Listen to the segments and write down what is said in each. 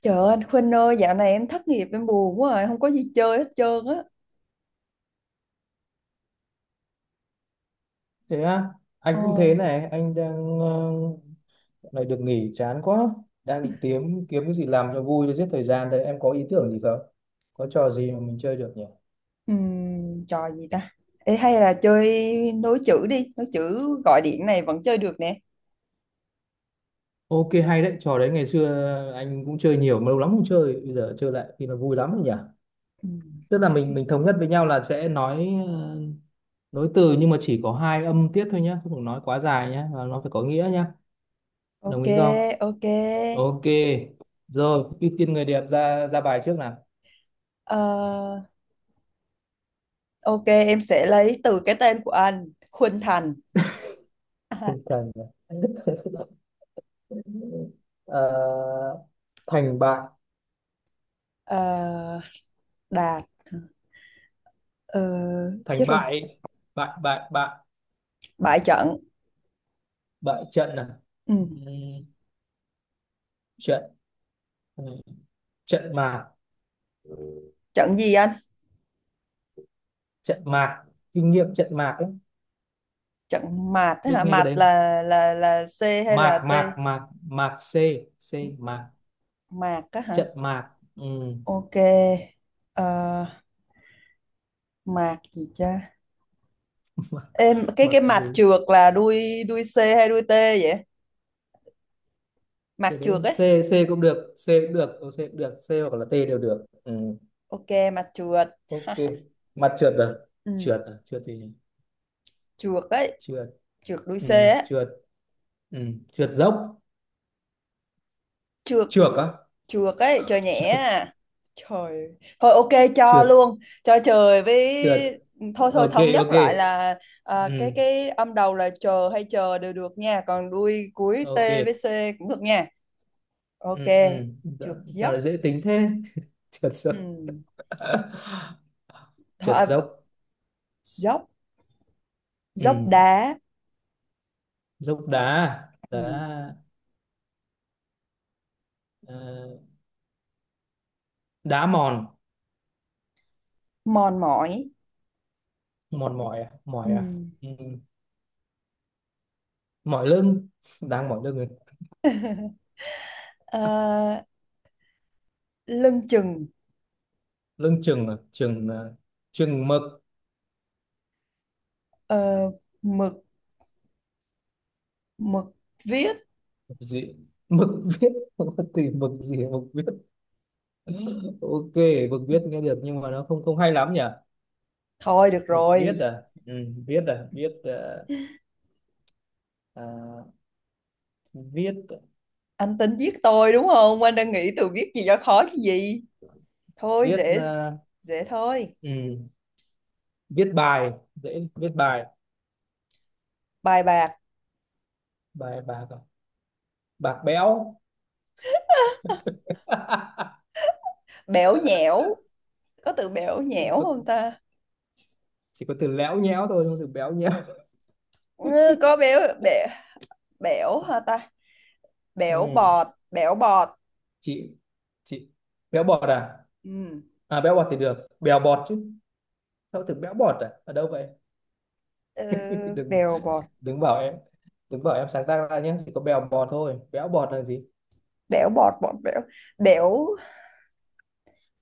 Trời ơi, anh Khuynh ơi, dạo này em thất nghiệp, em buồn quá rồi, không có gì chơi hết trơn á. Thế á? Ờ. Anh cũng thế này, anh đang dạo này được nghỉ chán quá, đang định kiếm kiếm cái gì làm cho vui để giết thời gian. Đấy, em có ý tưởng gì không, có trò gì mà mình chơi được nhỉ? Trò gì ta? Ê, hay là chơi nối chữ đi, nối chữ gọi điện này vẫn chơi được nè. Ok, hay đấy, trò đấy ngày xưa anh cũng chơi nhiều mà lâu lắm không chơi, bây giờ chơi lại thì nó vui lắm rồi nhỉ. Ừm. Tức là mình thống nhất với nhau là sẽ nói nối từ, nhưng mà chỉ có hai âm tiết thôi nhá, không được nói quá dài nhá, và nó phải có nghĩa nhá. Ok, Đồng ý không? ok. Ok, rồi, ưu tiên người đẹp ra ra bài trước nào. Ờ, ok, em sẽ lấy từ cái tên của anh: Khuynh Thành. Tinh thần à? Ờ, thành bại. Ờ, Đạt. Ờ, chết Thành rồi, Bại, bại, bại bại. bại trận. Bại trận à? Ừm, Ừm, trận. Ừ, trận mạc. trận gì anh? Trận mạc. Kinh nghiệm trận mạc ấy. Trận mạt á Biết hả? nghe cái Mạt đấy không? là C hay Mạc, là T? mạc, mạc, mạc c. C mạc. Mạt á hả? Trận mạc. Ừm. Ok. Ờ, mạc gì cha? Mạc. Em cái Mạc cái gì. mạc trượt là đuôi đuôi C hay đuôi T vậy? Mạc Cái đấy trượt c. ấy. C cũng được, c cũng được, c cũng được, c hoặc là t đều được. Ok, mạc trượt. ok. Mặt trượt rồi. Ừ, Trượt à, trượt thì trượt ấy, trượt. trượt đuôi C ấy. trượt. Trượt dốc. Trượt, Trượt á. trượt ấy, trời nhẹ. Trượt. À. Trời. Thôi, ok, cho Trượt. luôn, cho trời với. Trượt. Thôi thôi, Ok, thống nhất ok. lại là cái Ừ, cái âm đầu là chờ hay chờ đều được nha, còn đuôi cuối T ok. với C cũng được nha. Ok, Ừ, ừ. Dạ, trượt sao dốc. lại dễ tính thế. Trượt dốc. Ừ. Thôi, Trượt à, dốc. dốc, Ừ, dốc đá. dốc đá. Ừ. Đá. Ờ, đá mòn. mòn mỏi Mòn mỏi à? Ừ. Mỏi à? Ừ. Mỏi lưng. Đang mỏi lưng rồi. ờ, Lưng chừng. Lưng chừng à? Chừng à, chừng mực. ờ, Mực, mực viết. Gì? Mực viết. Không có từ mực gì mà mực viết. Ok, mực viết nghe được nhưng mà nó không không hay lắm nhỉ. Thôi được Mực viết rồi. à. Ừ, viết à, viết à, viết. Anh tính giết tôi đúng không, anh đang nghĩ từ viết gì cho khó chứ gì? Thôi Viết dễ, thôi. ừ, viết bài, dễ, viết bài. Bài bạc. Bài bạc à? Bạc béo. Bẽo nhẽo, có từ bẽo nhẽo Có, không ta? chỉ có từ léo nhéo thôi, không có từ béo nhéo. Ngư, có béo bẻ, bẽo hả ta? Ừ. Bẽo bọt, bẽo bọt. chị chị, béo bọt à? Ừ. À béo bọt thì được, bèo bọt chứ. Sao từ béo bọt, à ở đâu vậy. ờ, Đừng, Bèo bọt, đừng bảo em, đừng bảo em sáng tác ra nhé, chỉ có bèo bọt thôi, béo bọt là gì. bẽo bọt, bọt bẽo, bẽo,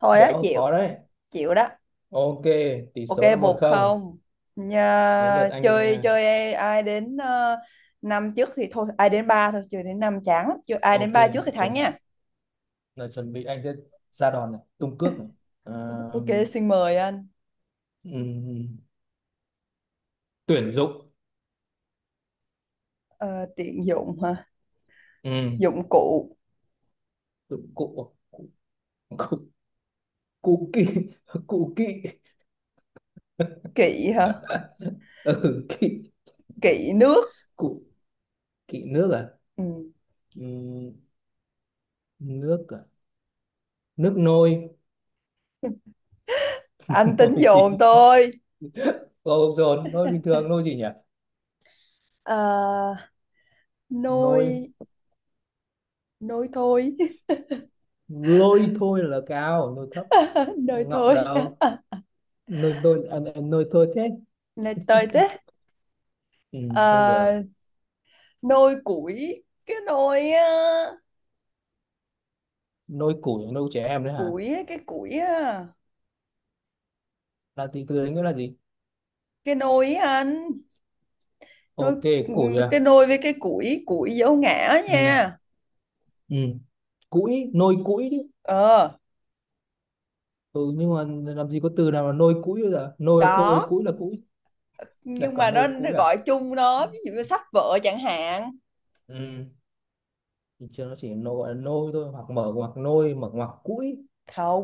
thôi á Béo chịu. khó đấy. Chịu đó. Ok, tỷ Ok, số là một một không không Đến Nhà, lượt anh. Ờ, chơi chơi ai, đến năm trước thì thôi, ai đến ba thôi, chơi đến năm chán lắm, chơi ai đến Ok, ba trước thì thắng chuẩn, nha. là chuẩn bị anh sẽ ra đòn này, tung cước này. À, Ok, xin mời anh. ừm, tuyển dụng. Ờ, tiện dụng hả? Um, Dụng cụ. cụ cụ cụ cụ kỵ. Cụ kỵ. Kỵ hả? Ừ, kỵ. Kỵ nước. Cụ. Kỵ nước à? Ừ. Ừm, nước à, nước nôi. Anh tính Nôi dồn gì. tôi. Ô dồn nôi bình thường, nôi gì nhỉ. Ờ, nôi Nôi. nôi thôi. Lôi thôi là cao, nôi thấp, Nôi ngọng thôi, đầu. Nôi tôi à, nôi thôi thế. nôi tôi thế. Không được. Ờ, nôi củi, cái nôi á, Nôi củi, nôi trẻ em đấy hả. Củi á, Là từ từ đấy nghĩa là gì. cái nôi á anh. Đôi, Ok, củi à. cái đôi với cái củi, củi dấu ngã Ừ, nha. ừ, củi nôi, củi chứ. Ờ Ừ, nhưng mà làm gì có từ nào là nôi củi, bây giờ nôi là thôi, có, củi là củi. Lại nhưng mà còn nó nôi củi à. gọi chung nó, ví dụ như sách vợ chẳng hạn. Ừ, thì chưa, nó chỉ nôi gọi là nôi thôi, hoặc mở ngoặc nôi mở ngoặc củi,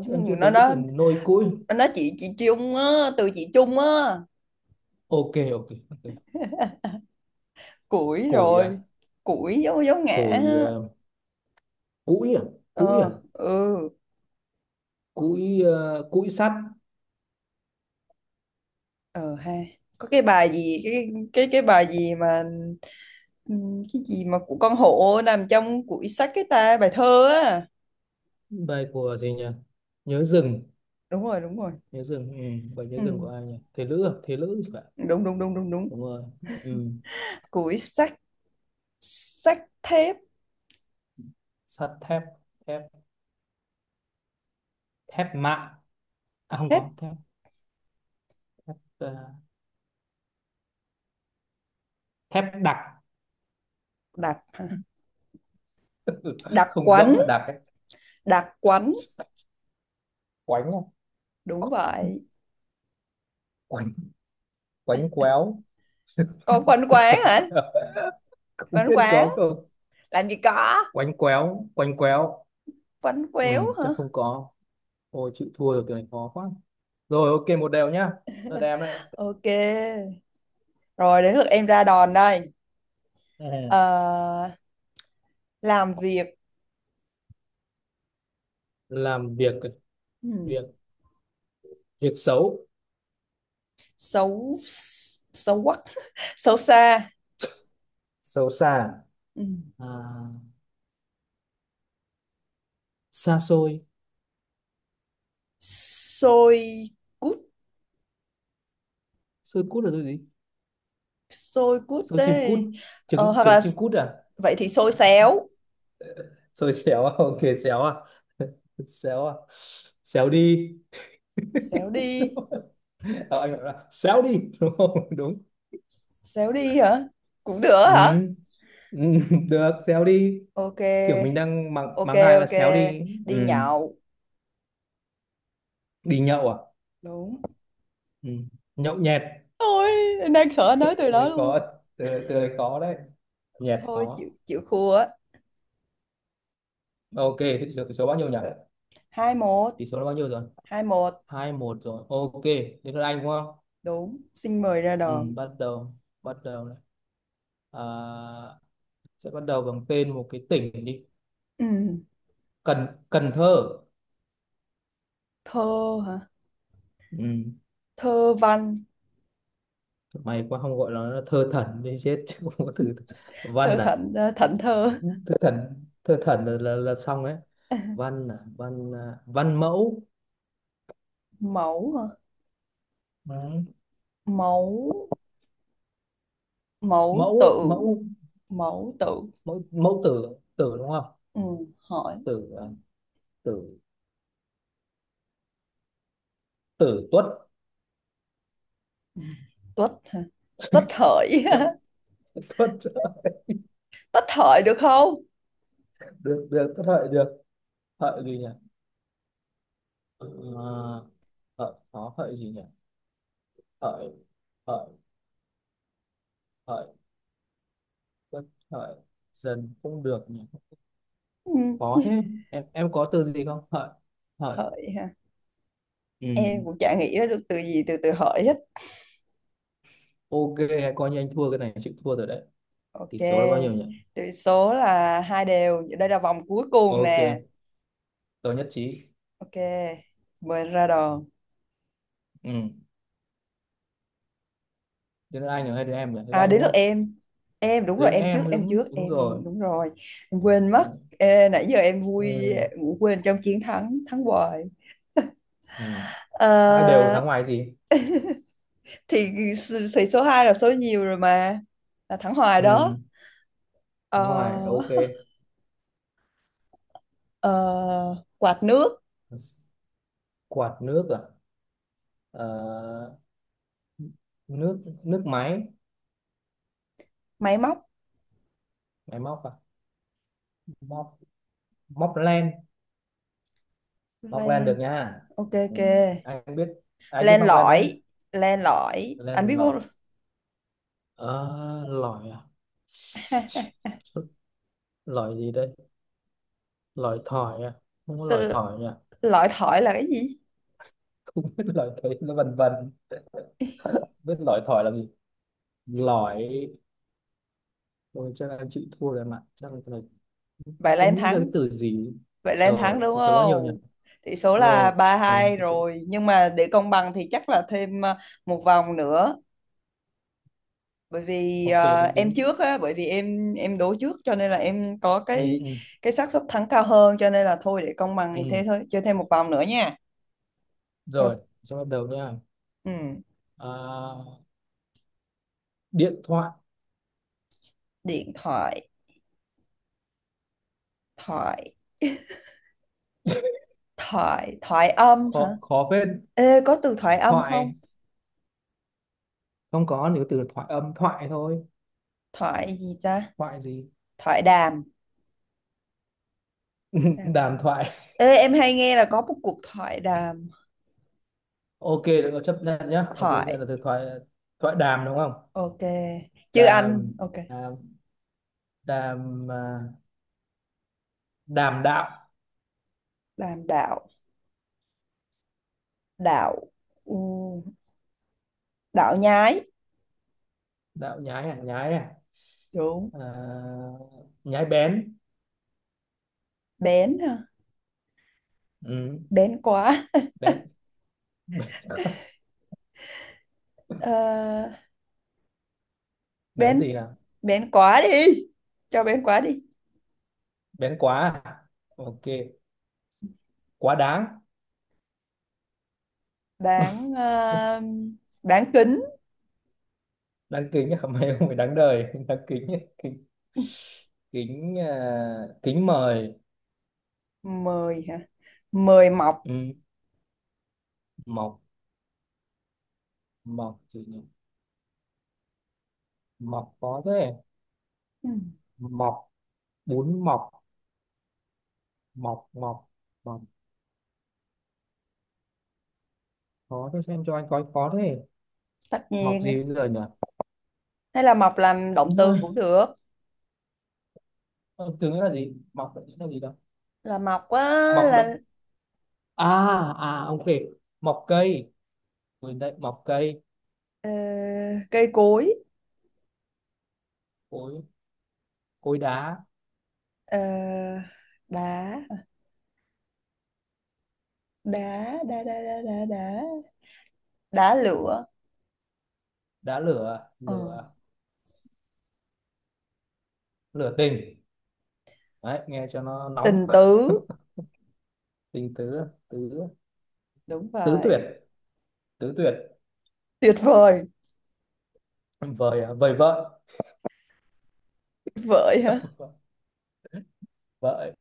chứ em chưa nó thấy cái từ nó nôi củi. nó nói chị chung á, từ chị chung á. Ok. Ok, ok. Củi Củi à. rồi. Củi dấu dấu ngã Củi á. Củi à. Củi à. Ờ ừ. Củi củi sắt. Ờ ha, có cái bài gì, cái bài gì mà cái gì mà của con hổ nằm trong củi sách, cái ta, bài thơ á. Bài của gì nhỉ. Nhớ rừng. Đúng rồi, đúng rồi. Nhớ rừng. Ừ, bài nhớ rừng của Ừ. ai nhỉ, Thế Lữ à, Thế Lữ thì phải. Đúng đúng đúng đúng đúng. Đúng rồi. Ừ. Củi sách. Xách thép. Sắt thép. Thép. Thép mạ. À, không Thép có. Thép ờ, thép đặc. đặc hả? Đặc Không quánh, rỗng là đặc ấy. đặc quánh, Quánh không? đúng vậy. Quánh. Quánh quéo. Có quánh quán Quánh hả? quéo. Không Quánh biết quán, có không. làm gì có? Quánh quéo. Quánh quéo. Quánh Ừ, quéo hả? chắc không có. Ôi chịu thua rồi, từ này khó quá. Rồi, ok, 1 đều nhá. Đợt em đấy. Ok. Rồi đến lượt em ra đòn đây. Ừ, Ờ, làm việc. làm việc. ừm, Việc. Việc xấu. Xấu. Xấu quắc, xấu xa. Xấu xa. Ừm. À, xa xôi. Xôi cút, Xôi cút là xôi gì. xôi cút Xôi chim cút. đấy. Ờ, Trứng, hoặc trứng là chim cút à. vậy thì xôi xéo, Xôi xéo à. Ok. Xéo à. Xéo à. Xéo đi. xéo đi, Ờ, anh bảo là xéo đi đúng không. Đúng. xéo đi hả? Cũng được Ừ. hả? Ừ, được, xéo đi. Ok, Kiểu mình đang mắng ok, mắng ai là ok. xéo đi. Ừ. Đi nhậu Đi nhậu à. đúng. Ừ. Nhậu nhẹt. Ôi, em đang sợ Từ nói từ đó đấy có. luôn. Từ đấy, từ đấy có đấy. Nhẹt Thôi chịu, khó. Thua á. Ok, thế số, số bao nhiêu nhỉ. 2-1. Tỷ số là bao nhiêu rồi. 2-1 2-1 rồi, ok. Đến lượt anh đúng không. đúng. Xin mời ra Ừ, đòn. bắt đầu. Bắt đầu này. À, sẽ bắt đầu bằng tên một cái tỉnh đi. Ừ. Cần, Cần Thơ. Thơ hả? Ừ. Thơ văn. Mày quá không, gọi nó là thơ thần đi chết chứ không có từ. Thơ Văn à. thận. Ờ, Thận thơ. Thơ thần, thơ thần là, là xong đấy. Văn à, văn à, văn mẫu. Mẫu hả? Đấy. Mẫu, mẫu Mẫu ấy, tự. mẫu. Mẫu tự. Mẫu, mẫu tử, tử đúng không. Ừ. Hỏi. Tử à, tử. Tử tuất. Tuất hả? Tuất hợi. Tuất. Tuất. Tuất hợi được không? Được, được, tuất hợi được. Hợi gì nhỉ. Ờ, hợi có hợi gì nhỉ. Hợi. Hợi. Hợi. Tuất. Hợi. Dần cũng được nhỉ. Ừ. Khó thế. Em có từ gì không, hợi. Hợi. Hợi hả? Ừ. Em cũng chả nghĩ ra được từ gì, từ từ hợi hết. Ok, hay coi như anh thua cái này, chịu thua rồi đấy. Tỷ Ok, số là bao nhiêu nhỉ. tỷ số là hai đều. Đây là vòng cuối cùng Ok, nè. tôi nhất trí. Ok, mời anh ra đòn. Ừ. Đến anh rồi hay đến em nhỉ, đến À, anh đến đúng lượt không. em. Em đúng rồi, Đến em em trước, mới em trước, đúng, đúng em rồi. em đúng rồi. Em quên Đấy. mất. Ê, nãy giờ em vui Ừ. ngủ quên trong chiến thắng, thắng hoài. Ừ. Ờ, 2 đều, thắng ngoài gì. thì thì số 2 là số nhiều rồi mà. Là thắng hoài đó. Ừ. Thắng ngoài, ok. Ờ, ờ, quạt nước, Quạt nước à. Ờ, nước, nước máy. máy móc, Máy móc à. Móc. Móc len. Móc len len. được nha. Ok, Ừ. ok. Anh biết, anh biết Len móc len đấy. lỏi, len lỏi. Anh Len biết lỏi. không? Ờ, lỏi à. Lỏi gì đây. Lỏi thỏi à. Không có lỏi thỏi nhỉ. Lõi thỏi là cái gì? Không biết, lỏi thấy nó vần vần. Biết lỏi thỏi là gì. Lỏi. Ôi, chắc là anh chịu thua rồi, mà chắc là cái này Vậy là không em nghĩ ra cái thắng. từ gì. Vậy là em thắng Rồi đúng thì số bao nhiêu nhỉ. không? Tỷ số là Rồi 3-2 thì số. rồi. Nhưng mà để công bằng thì chắc là thêm một vòng nữa. Bởi vì Ok, đến, em đến. trước á, bởi vì em đố trước cho nên là em có Ừ, cái ừ. cái xác suất thắng cao hơn, cho nên là thôi, để công bằng thì thế Ừ. thôi, chơi thêm một vòng nữa nha. Ừ. Rồi, số, bắt đầu nha. Ừ. À, điện thoại. Điện thoại. Thoại, thoại, thoại âm hả? Khó, khó phết. Ê, có từ thoại âm không? Thoại, không có, những từ là thoại âm, thoại thôi. Thoại gì ta? Thoại gì. Thoại đàm, đàm Đàm thoại. thoại. Ê, em hay nghe là có một cuộc thoại đàm. Ok được rồi, chấp nhận nhá, ok nhận Thoại là từ thoại. Thoại đàm đúng không. ok, chứ anh Đàm. ok? Đàm. Đàm à, đàm đạo. Đàm đạo. Đạo. Ừ, đạo nhái. Đạo nhái à. Nhái à, Đúng. à, nhái bén. Bén hả? Ừ, Bén quá. bén. Bén. Ờ, bén. Bén gì nào. Bén quá đi, cho bén quá đi. Bén quá à? Ok, quá đáng. Đáng. Ờ, Đáng kính. Đáng kính à. Mày không phải đáng đời. Đáng kính à? Kính. Kính à, kính mời. Mời hả? Mời mọc. Ừ, mọc. Mọc gì nhỉ. Mọc có thế. Ừ, Mọc. Bún mọc. Mọc. Mọc. Mọc. Khó thế, xem cho anh coi khó thế. tất Mọc nhiên. gì bây giờ nhỉ. Hay là mọc làm động từ Ôi, cũng được, ờ, từ nghĩa là gì, mọc định nghĩa là gì đâu. là mọc á, Mọc động. là À. À ok. Mọc cây. Quên đấy, mọc cây. ờ, cây cối. Cối. Cối đá. ờ, Đá, đá đá đá đá đá đá. Đá lửa. Đá lửa. Ờ. Lửa. Lửa tình. Đấy nghe cho nó nóng. Tình tứ. Tình tứ. Tứ. Đúng Tứ tuyệt. vậy. Tứ tuyệt. Tuyệt vời. Vời à, vời vợ. Vợi hả? Vợ.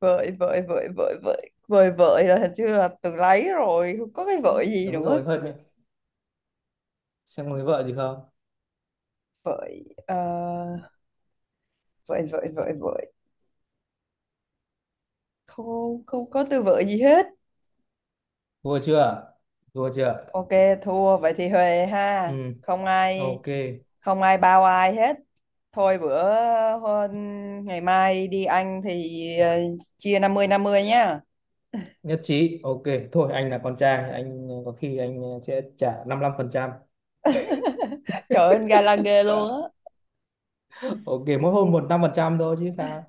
Vợi vợi vợi vợi vợi. Vợi vợi là hình như là từ lấy rồi, không có cái vợi gì Đúng nữa. rồi, hơi mệt. Xem người vợ gì không. Vợi. Ờ, Vợi vợi vợi vợi, không, không có từ vợi gì hết. Thua chưa. Thua chưa. Ok, thua. Vậy thì huề Ừ, ha, không ai, ok. Bao ai hết. Thôi bữa, ngày mai đi ăn thì chia 50-50 nhá. Nhất trí, ok. Thôi anh là con trai, anh có khi anh sẽ trả 55%. Trời ơi, ga lăng ghê luôn á. Ok, mỗi hôm một năm phần trăm thôi chứ sao.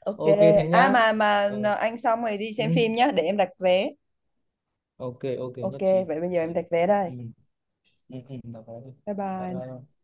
Ok. Ok thế À, nhá. mà Ừ. anh xong rồi đi Ừ. xem phim nhá, để em đặt vé. Ok ok, Ok, nhất trí, vậy bây nhất giờ trí. em đặt vé đây. Ừ. Ừ. Ừ. Được rồi. Bye Bye bye. bye.